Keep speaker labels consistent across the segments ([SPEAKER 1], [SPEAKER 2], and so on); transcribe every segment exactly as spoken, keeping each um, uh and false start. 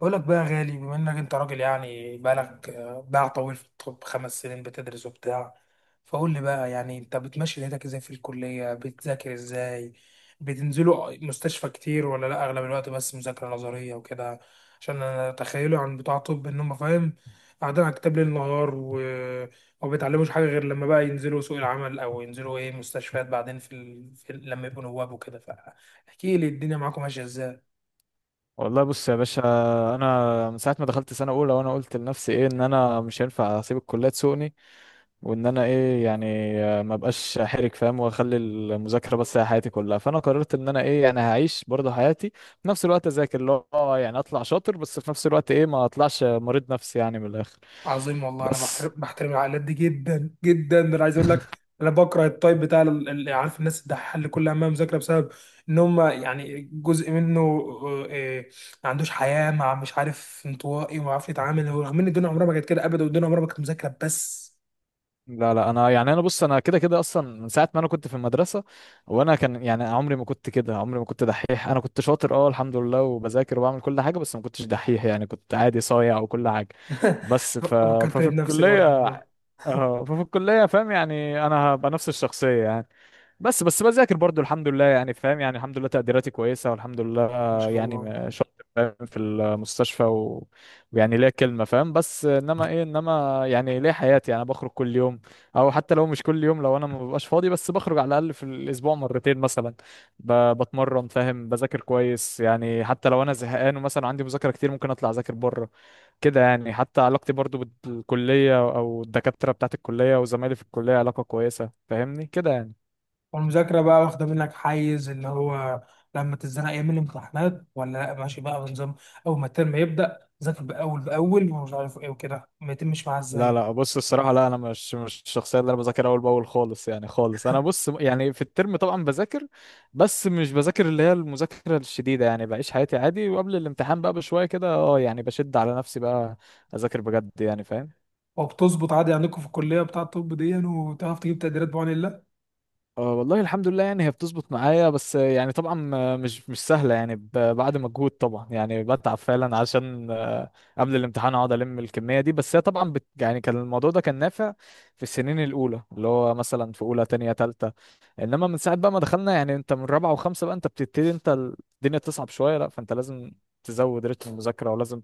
[SPEAKER 1] بقول لك بقى يا غالي، بما انك انت راجل يعني بقالك آه، باع طويل في الطب، خمس سنين بتدرس وبتاع. فقول لي بقى يعني انت بتمشي ليلتك ازاي في الكلية، بتذاكر ازاي، بتنزلوا مستشفى كتير ولا لا؟ اغلب الوقت بس مذاكرة نظرية وكده؟ عشان انا تخيله عن بتوع طب ان هم، فاهم، قاعدين على الكتاب ليل نهار، و... وما بيتعلموش حاجة غير لما بقى ينزلوا سوق العمل او ينزلوا ايه مستشفيات بعدين في, ال... في ال... لما يبقوا نواب وكده. فاحكي لي الدنيا معاكم ماشية ازاي.
[SPEAKER 2] والله بص يا باشا، انا من ساعه ما دخلت سنه اولى وانا قلت لنفسي ايه، ان انا مش هينفع اسيب الكليه تسوقني، وان انا ايه يعني آه، ما بقاش حرك فاهم، واخلي المذاكره بس هي حياتي كلها. فانا قررت ان انا ايه يعني هعيش برضه حياتي في نفس الوقت، اذاكر اللي هو اه يعني اطلع شاطر، بس في نفس الوقت ايه ما اطلعش مريض نفسي يعني، من الاخر.
[SPEAKER 1] عظيم والله، انا بحترم
[SPEAKER 2] بس
[SPEAKER 1] بحترم العائلات دي جدا جدا، انا عايز اقول لك. انا بكره التايب بتاع ال- اللي عارف، الناس الدحيحه اللي كل همها مذاكره، بسبب ان هم يعني جزء منه آه، آه، ما عندوش حياه، مع مش عارف، انطوائي وما عارف يتعامل، رغم ان الدنيا عمرها ما كانت كده ابدا، والدنيا عمرها ما كانت مذاكره بس.
[SPEAKER 2] لا لا، انا يعني انا بص انا كده كده اصلا من ساعه ما انا كنت في المدرسه، وانا كان يعني عمري ما كنت كده، عمري ما كنت دحيح. انا كنت شاطر اه الحمد لله، وبذاكر وبعمل كل حاجه، بس ما كنتش دحيح يعني، كنت عادي صايع وكل حاجه. بس ف...
[SPEAKER 1] فكرتني
[SPEAKER 2] ففي
[SPEAKER 1] بنفسي برضه
[SPEAKER 2] الكليه،
[SPEAKER 1] والله.
[SPEAKER 2] اه ففي الكليه فاهم يعني انا هبقى نفس الشخصيه يعني، بس بس بذاكر برضو الحمد لله، يعني فاهم يعني الحمد لله تقديراتي كويسه والحمد لله،
[SPEAKER 1] ما شاء
[SPEAKER 2] يعني
[SPEAKER 1] الله.
[SPEAKER 2] م- شاطر فاهم في المستشفى و... ويعني ليا كلمه فاهم، بس انما ايه انما يعني ليا حياتي، انا بخرج كل يوم، او حتى لو مش كل يوم، لو انا ما ببقاش فاضي بس بخرج على الاقل في الاسبوع مرتين مثلا، ب- بتمرن فاهم، بذاكر كويس يعني حتى لو انا زهقان ومثلا عندي مذاكره كتير ممكن اطلع اذاكر بره كده يعني. حتى علاقتي برضو بالكليه او الدكاتره بتاعت الكليه وزمايلي في الكليه، علاقه كويسه فاهمني كده يعني.
[SPEAKER 1] والمذاكرة بقى واخدة منك حيز اللي هو، لما تتزنق يوم الامتحانات، ولا لا ماشي بقى بنظام، أول ما الترم يبدأ ذاكر بأول بأول ومش عارف إيه وكده، ما يتمش معاها
[SPEAKER 2] لا
[SPEAKER 1] إزاي؟
[SPEAKER 2] لا بص الصراحة، لا أنا مش مش الشخصية اللي أنا بذاكر أول بأول خالص، يعني خالص. أنا بص يعني في الترم طبعا بذاكر، بس مش بذاكر اللي هي المذاكرة الشديدة يعني، بعيش حياتي عادي وقبل الامتحان بقى بشوية كده أه يعني بشد على نفسي بقى، أذاكر بجد يعني فاهم.
[SPEAKER 1] وبتظبط عادي عندكم في الكلية بتاع الطب دي يعني، وتعرف تجيب تقديرات بعون الله؟
[SPEAKER 2] آه، والله الحمد لله يعني هي بتظبط معايا، بس آه، يعني طبعا آه، مش مش سهلة يعني، ب- بعد مجهود طبعا يعني، بتعب فعلا عشان آه، قبل الامتحان اقعد الم الكمية دي. بس هي طبعا بت يعني كان الموضوع ده كان نافع في السنين الأولى، اللي هو مثلا في أولى تانية تالتة، انما من ساعة بقى ما دخلنا يعني انت من رابعة وخمسة بقى انت بتبتدي انت الدنيا تصعب شوية، لا فانت لازم تزود رتم المذاكرة، ولازم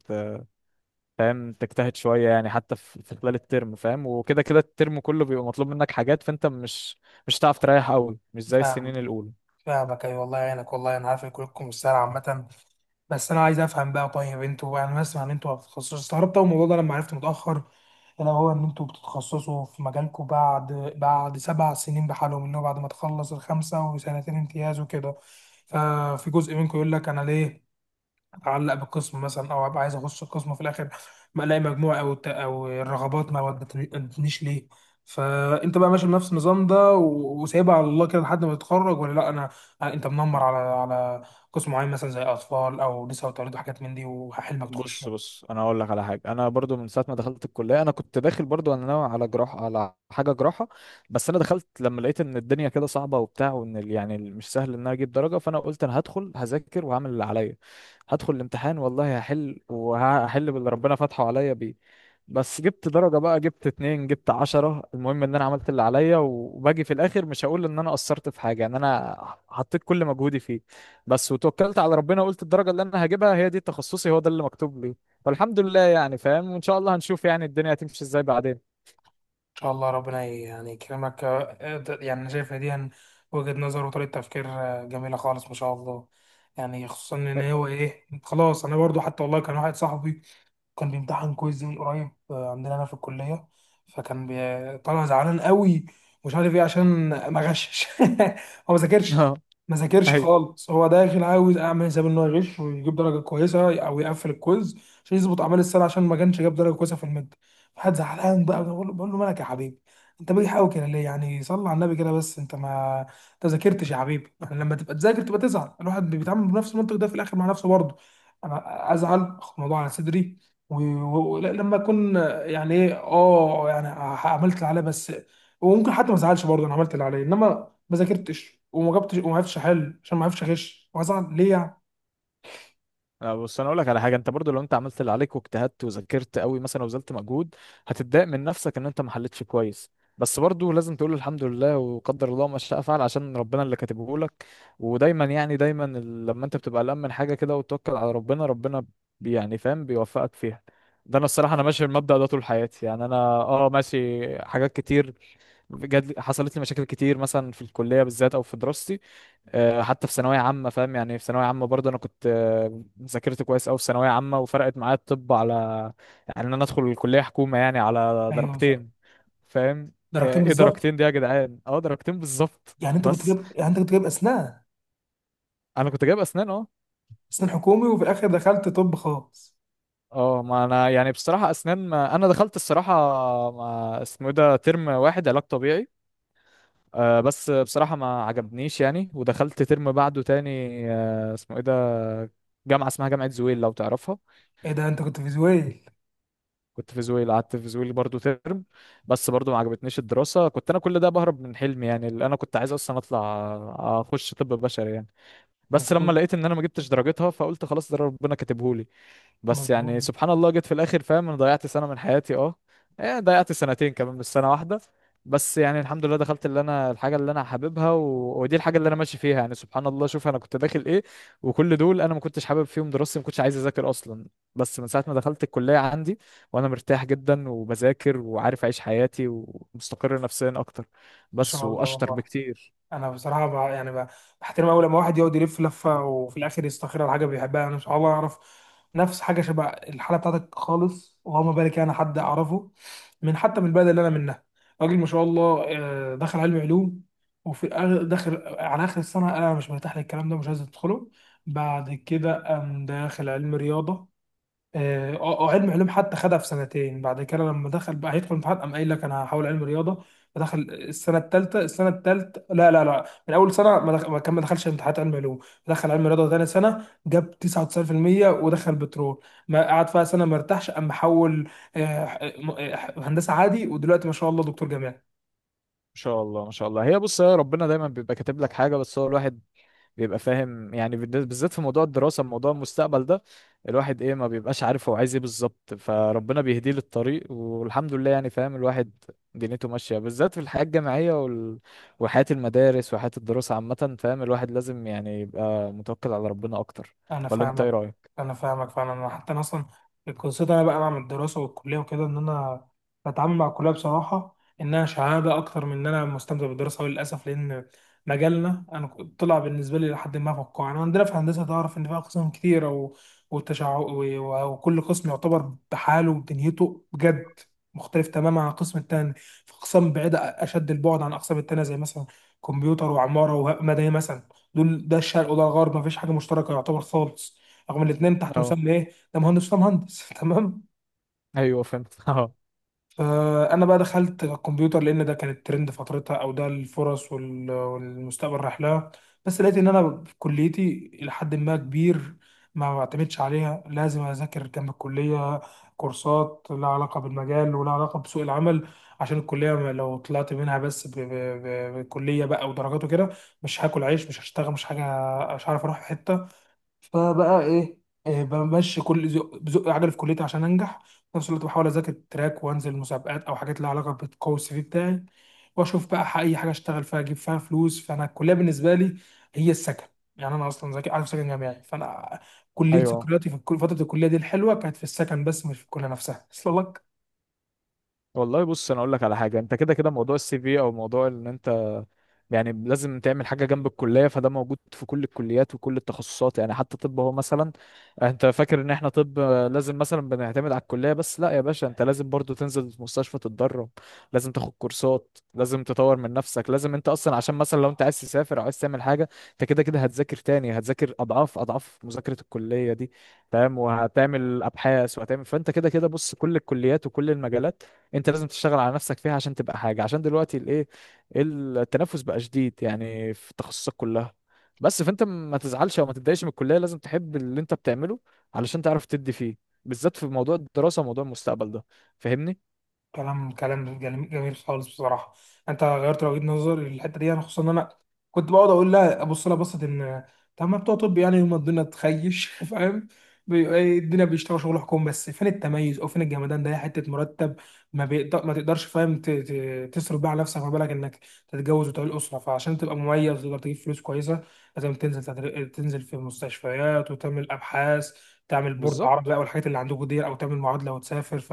[SPEAKER 2] فاهم تجتهد شوية يعني حتى في في خلال الترم فاهم، وكده كده الترم كله بيبقى مطلوب منك حاجات، فانت مش مش هتعرف تريح قوي مش زي
[SPEAKER 1] فاهم،
[SPEAKER 2] السنين الأولى.
[SPEAKER 1] فاهمك أيوة، والله يعينك، والله أنا عارف إن كلكم مش سهلة عامة. بس انا عايز افهم بقى، طيب انتوا يعني، انا بسمع ان انتوا هتتخصصوا، استغربت اول الموضوع ده لما عرفت متاخر. الا هو ان انتوا بتتخصصوا في مجالكم بعد بعد سبع سنين بحالهم، اللي هو بعد ما تخلص الخمسه وسنتين امتياز وكده. ففي جزء منكم يقول لك انا ليه اعلق بقسم مثلا، او ابقى عايز اخش القسم، وفي الاخر ما الاقي مجموع او الت- او الرغبات ما ودتنيش ليه. فانت بقى ماشي بنفس النظام ده و- وسايبها على الله كده لحد ما تتخرج، ولا لا، انا انت منمر على على قسم معين مثلا زي اطفال او نساء وتوليد وحاجات من دي وحلمك تخشه؟
[SPEAKER 2] بص
[SPEAKER 1] ان
[SPEAKER 2] بص انا اقول لك على حاجه، انا برضو من ساعه ما دخلت الكليه انا كنت داخل برضو انا ناوي على جراحه، على حاجه جراحه، بس انا دخلت لما لقيت ان الدنيا كده صعبه وبتاع، وان ال- يعني ال- مش سهل ان انا اجيب درجه. فانا قلت انا هدخل هذاكر وهعمل اللي عليا، هدخل الامتحان والله هحل، وهحل باللي ربنا فاتحه عليا بيه. بس جبت درجه بقى، جبت اتنين جبت عشرة، المهم ان انا عملت اللي عليا، وباجي في الاخر مش هقول ان انا قصرت في حاجه، يعني انا حطيت كل مجهودي فيه بس، وتوكلت على ربنا. قلت الدرجة اللي انا هجيبها هي دي تخصصي، هو ده اللي مكتوب لي. فالحمد لله يعني فاهم، وان شاء الله هنشوف يعني الدنيا هتمشي ازاي بعدين.
[SPEAKER 1] شاء الله، ربنا ي- يعني يكرمك. آه، ده- يعني انا شايف إن دي هن- وجهة نظر وطريقة تفكير آه، جميلة خالص ما شاء الله. يعني خصوصا ان هو ايه، خلاص. انا برضو حتى والله كان واحد صاحبي كان بيمتحن كويز من قريب آه، عندنا هنا في الكلية، فكان بي- طالع زعلان قوي، مش عارف ايه، عشان ما غشش. هو ما ذاكرش.
[SPEAKER 2] اه،
[SPEAKER 1] ما ذاكرش
[SPEAKER 2] ايوه.
[SPEAKER 1] خالص، هو داخل عاوز اعمل حساب ان هو يغش ويجيب درجة كويسة او يقفل الكويز عشان يظبط اعمال السنة، عشان ما كانش جاب درجة كويسة في المادة. فقعد زعلان بقى، بقول له بقول له مالك يا حبيبي، انت بتحاول كده ليه؟ يعني صلي على النبي كده، بس انت ما انت ذاكرتش يا حبيبي. يعني لما تبقى تذاكر تبقى تزعل. الواحد بيتعامل بنفس المنطق ده في الاخر مع نفسه برضه. انا ازعل، اخد الموضوع على صدري، ولما اكون يعني ايه اه يعني ح- عملت اللي عليا بس. وممكن حتى ما ازعلش برضه، انا عملت اللي عليا، انما ما ذاكرتش وما جبتش وما عرفتش احل عشان ما عرفتش اغش، وازعل ليه يعني؟
[SPEAKER 2] لا بص انا اقول لك على حاجه، انت برضو لو انت عملت اللي عليك واجتهدت وذاكرت قوي مثلا وبذلت مجهود، هتتضايق من نفسك ان انت ما حلتش كويس، بس برضو لازم تقول الحمد لله وقدر الله ما شاء فعل، عشان ربنا اللي كاتبه لك. ودايما يعني دايما ال- لما انت بتبقى قلقان من حاجه كده وتتوكل على ربنا، ربنا بي- يعني فاهم بيوفقك فيها. ده انا الصراحه انا ماشي المبدأ ده طول حياتي، يعني انا اه ماشي حاجات كتير جات، حصلت لي مشاكل كتير مثلا في الكليه بالذات او في دراستي، آه، حتى في ثانويه عامه فاهم، يعني في ثانويه عامه برضه انا كنت آه، ذاكرت كويس قوي في ثانويه عامه، وفرقت معايا الطب على يعني ان انا ادخل الكليه حكومه يعني على
[SPEAKER 1] ايوه صح،
[SPEAKER 2] درجتين، فاهم. آه،
[SPEAKER 1] درجتين
[SPEAKER 2] ايه
[SPEAKER 1] بالظبط.
[SPEAKER 2] درجتين دي يا جدعان، اه درجتين بالظبط
[SPEAKER 1] يعني انت كنت
[SPEAKER 2] بس.
[SPEAKER 1] جايب، يعني انت كنت جايب اسنان.
[SPEAKER 2] انا كنت جايب اسنان اه.
[SPEAKER 1] اسنان حكومي وفي الاخر دخلت طب خاص.
[SPEAKER 2] اه ما انا يعني بصراحه اسنان، ما انا دخلت الصراحه ما اسمه إيه ده، ترم واحد علاج طبيعي، آه بس بصراحة ما عجبنيش يعني، ودخلت ترم بعده تاني، آه اسمه ايه ده، جامعة اسمها جامعة زويل لو تعرفها.
[SPEAKER 1] ايه ده انت كنت فيزويل؟
[SPEAKER 2] كنت في زويل، قعدت في زويل برضو ترم، بس برضو ما عجبتنيش الدراسة. كنت انا كل ده بهرب من حلمي، يعني اللي انا كنت عايز اصلا اطلع آه، اخش طب بشري يعني.
[SPEAKER 1] انت
[SPEAKER 2] بس لما
[SPEAKER 1] طب.
[SPEAKER 2] لقيت ان انا ما جبتش درجتها، فقلت خلاص ده ربنا كاتبهولي. بس
[SPEAKER 1] مظبوط.
[SPEAKER 2] يعني سبحان الله جيت في الاخر فاهم، انا ضيعت سنه من حياتي اه، إيه، ضيعت سنتين كمان مش سنه واحده، بس يعني الحمد لله دخلت اللي انا الحاجه اللي انا حاببها و... ودي الحاجه اللي انا ماشي فيها، يعني سبحان الله شوف انا كنت داخل ايه، وكل دول انا ما كنتش حابب فيهم دراستي، ما كنتش عايز اذاكر اصلا، بس من ساعه ما دخلت الكليه عندي، وانا مرتاح جدا وبذاكر وعارف اعيش حياتي ومستقر نفسيا اكتر،
[SPEAKER 1] ما
[SPEAKER 2] بس
[SPEAKER 1] شاء
[SPEAKER 2] واشطر
[SPEAKER 1] الله.
[SPEAKER 2] بكتير.
[SPEAKER 1] انا بصراحه بقى يعني بقى بحترم اول لما واحد يقعد يلف لفه وفي الاخر يستخير على حاجه بيحبها. انا مش عارف اعرف نفس حاجه شبه الحاله بتاعتك خالص، وما بالك انا حد اعرفه من حتى من البلد اللي انا منها، راجل ما شاء الله، آه، دخل علم علوم، وفي الآخر- داخل على اخر السنه: انا مش مرتاح للكلام ده، مش عايز ادخله. بعد كده قام داخل علم رياضه. اه آه، علم علوم حتى خدها في سنتين، بعد كده لما دخل بقى هيدخل امتحان قام قايل لك انا هحاول علم رياضه. فدخل السنه الثالثه، السنه الثالثه لا لا لا، من اول سنه ما دخل ما كان ما دخلش امتحانات علم علوم، دخل علم رياضه ثاني سنه، جاب تسعة وتسعون في المئة ودخل بترول. ما قعد فيها سنه ما ارتاحش قام حول آه، آه، هندسه عادي، ودلوقتي ما شاء الله دكتور جامعي.
[SPEAKER 2] ما شاء الله، ما شاء الله. هي بص يا ربنا دايما بيبقى كاتب لك حاجه، بس هو الواحد بيبقى فاهم يعني بالنسبة- بالذات في موضوع الدراسة، موضوع المستقبل ده، الواحد ايه ما بيبقاش عارف هو عايز ايه بالظبط، فربنا بيهديه للطريق، والحمد لله يعني فاهم الواحد دنيته ماشية. بالذات في الحياة الجامعية وال... وحياة المدارس وحياة الدراسة عامة، فاهم الواحد لازم يعني يبقى متوكل على ربنا اكتر.
[SPEAKER 1] انا
[SPEAKER 2] ولا انت ايه
[SPEAKER 1] فاهمك،
[SPEAKER 2] رأيك؟
[SPEAKER 1] انا فاهمك فعلا. انا حتى انا اصلا القصه انا بقى مع الدراسه والكليه وكده ان انا بتعامل مع الكليه بصراحه انها شهاده اكتر من ان انا مستمتع بالدراسه، وللاسف لان مجالنا، انا كنت- طلع بالنسبه لي لحد ما فقاعه. انا عندنا في هندسه تعرف ان في اقسام كتيره و... والتشع... و... وكل قسم يعتبر بحاله ودنيته بجد مختلف تماما عن القسم التاني. في اقسام بعيده اشد البعد عن الاقسام التانيه، زي مثلا كمبيوتر وعماره ومدني مثلا، دول ده الشرق وده الغرب، مفيش حاجه مشتركه يعتبر خالص، رغم الاثنين تحت
[SPEAKER 2] اه
[SPEAKER 1] مسمى ايه، ده مهندس وده مهندس. تمام.
[SPEAKER 2] ايوه فهمت. اه،
[SPEAKER 1] فانا بقى دخلت الكمبيوتر لان ده كان الترند فترتها، او ده الفرص وال- والمستقبل رايح لها. بس لقيت ان انا في كليتي الى حد ما كبير ما بعتمدش عليها، لازم اذاكر جنب الكليه كورسات لها علاقه بالمجال ولها علاقه بسوق العمل، عشان الكليه ما- لو طلعت منها بس ب- ب- ب- بكليه بقى ودرجات وكده مش هاكل عيش، مش هشتغل، مش حاجه، مش هعرف اروح في حته. فبقى ايه، إيه، بمشي كل زق بزق عجل في كليتي عشان انجح. في نفس الوقت بحاول اذاكر تراك وانزل مسابقات او حاجات لها علاقه بتقوي السي في بتاعي، واشوف بقى ح- اي حاجه اشتغل فيها اجيب فيها فلوس. فانا الكليه بالنسبه لي هي السكن، يعني انا اصلا ذاكر عارف سكن جامعي، فانا كليه
[SPEAKER 2] ايوه.
[SPEAKER 1] ذكرياتي في الكل- فتره الكليه دي الحلوه كانت في السكن بس مش في الكليه نفسها. اصل لك،
[SPEAKER 2] والله بص انا اقول لك على حاجة، انت كده كده موضوع السي في او موضوع ان انت يعني لازم تعمل حاجة جنب الكلية، فده موجود في كل الكليات وكل التخصصات، يعني حتى طب. هو مثلا انت فاكر ان احنا طب لازم مثلا بنعتمد على الكلية بس، لا يا باشا، انت لازم برضو تنزل المستشفى تتدرب، لازم تاخد كورسات، لازم تطور من نفسك، لازم انت اصلا عشان مثلا لو انت عايز تسافر او عايز تعمل حاجة، انت كده كده هتذاكر تاني، هتذاكر اضعاف اضعاف مذاكرة الكلية دي، تمام. وهتعمل ابحاث وهتعمل، فانت كده كده بص كل الكليات وكل المجالات انت لازم تشتغل على نفسك فيها عشان تبقى حاجة، عشان دلوقتي الايه التنافس بقى شديد يعني في التخصصات كلها بس. فانت ما تزعلش او ما تتضايقش من الكليه، لازم تحب اللي انت بتعمله علشان تعرف تدي فيه، بالذات في موضوع الدراسه وموضوع المستقبل ده، فاهمني.
[SPEAKER 1] كلام كلام جميل جميل خالص بصراحه، انت غيرت وجهه نظري للحته دي. انا خصوصا ان انا كنت بقعد اقول لها، ابص لها بصت ان طب ما بتوع طب يعني يوم ما الدنيا تخيش فاهم، بيبقى إيه، الدنيا بيشتغل شغل حكومي بس، فين التميز او فين الجمدان ده؟ هي حته مرتب ما بيقدر، ما تقدرش فاهم ت- ت- تصرف بقى على نفسك، ما بالك انك تتجوز وتعمل اسره. فعشان تبقى مميز وتقدر تجيب فلوس كويسه لازم تنزل، تدر- تنزل في مستشفيات وتعمل ابحاث، تعمل بورد عربي
[SPEAKER 2] بالظبط،
[SPEAKER 1] او الحاجات اللي عندكم دي او تعمل معادله وتسافر ف.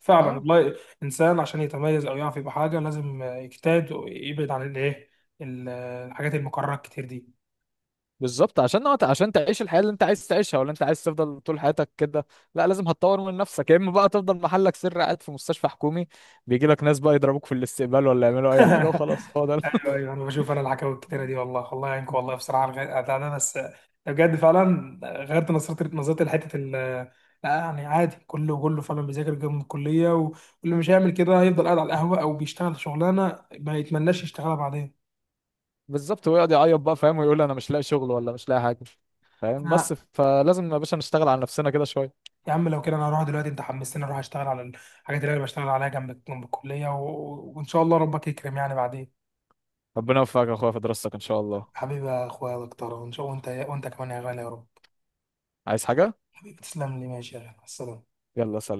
[SPEAKER 1] فعلا
[SPEAKER 2] اه
[SPEAKER 1] والله الإنسان عشان يتميز أو يعرف يبقى حاجة لازم يجتهد ويبعد عن الإيه، ال- الحاجات المكررة الكتير دي.
[SPEAKER 2] بالظبط، عشان نقط عشان تعيش الحياه اللي انت عايز تعيشها، ولا انت عايز تفضل طول حياتك كده؟ لا لازم هتطور من نفسك، يا اما بقى تفضل محلك سر قاعد في مستشفى حكومي بيجي لك ناس بقى يضربوك في الاستقبال، ولا يعملوا اي حاجه، وخلاص هو ده.
[SPEAKER 1] أيوه أيوه، أنا بشوف أنا الحكاوي الكتيرة دي، والله الله يعينكم، والله بصراحة على الغ- ده ده بس بجد فعلا غيرت نظرتي نظرتي لحتة ال، لا يعني عادي، كله كله فعلا بيذاكر جنب الكلية، واللي مش هيعمل كده هيفضل قاعد على القهوة أو بيشتغل شغلانة ما يتمناش يشتغلها بعدين.
[SPEAKER 2] بالظبط، ويقعد يعيط بقى فاهم، ويقول انا مش لاقي شغل ولا مش لاقي حاجه فاهم، بس فلازم يا باشا نشتغل على نفسنا كده شويه.
[SPEAKER 1] يا عم لو كده انا هروح دلوقتي، انت حمستني اروح اشتغل على الحاجات اللي انا بشتغل عليها جنب جنب الكليه، و... وان شاء الله ربك يكرم يعني بعدين.
[SPEAKER 2] ربنا يوفقك يا اخويا في دراستك ان شاء الله.
[SPEAKER 1] حبيبي يا اخويا يا دكتور، وان شاء الله، وانت وانت كمان يا غالي يا رب.
[SPEAKER 2] عايز حاجه؟
[SPEAKER 1] حبيبي تسلم لي، ماشي يا غالي، مع السلامه.
[SPEAKER 2] يلا سلام.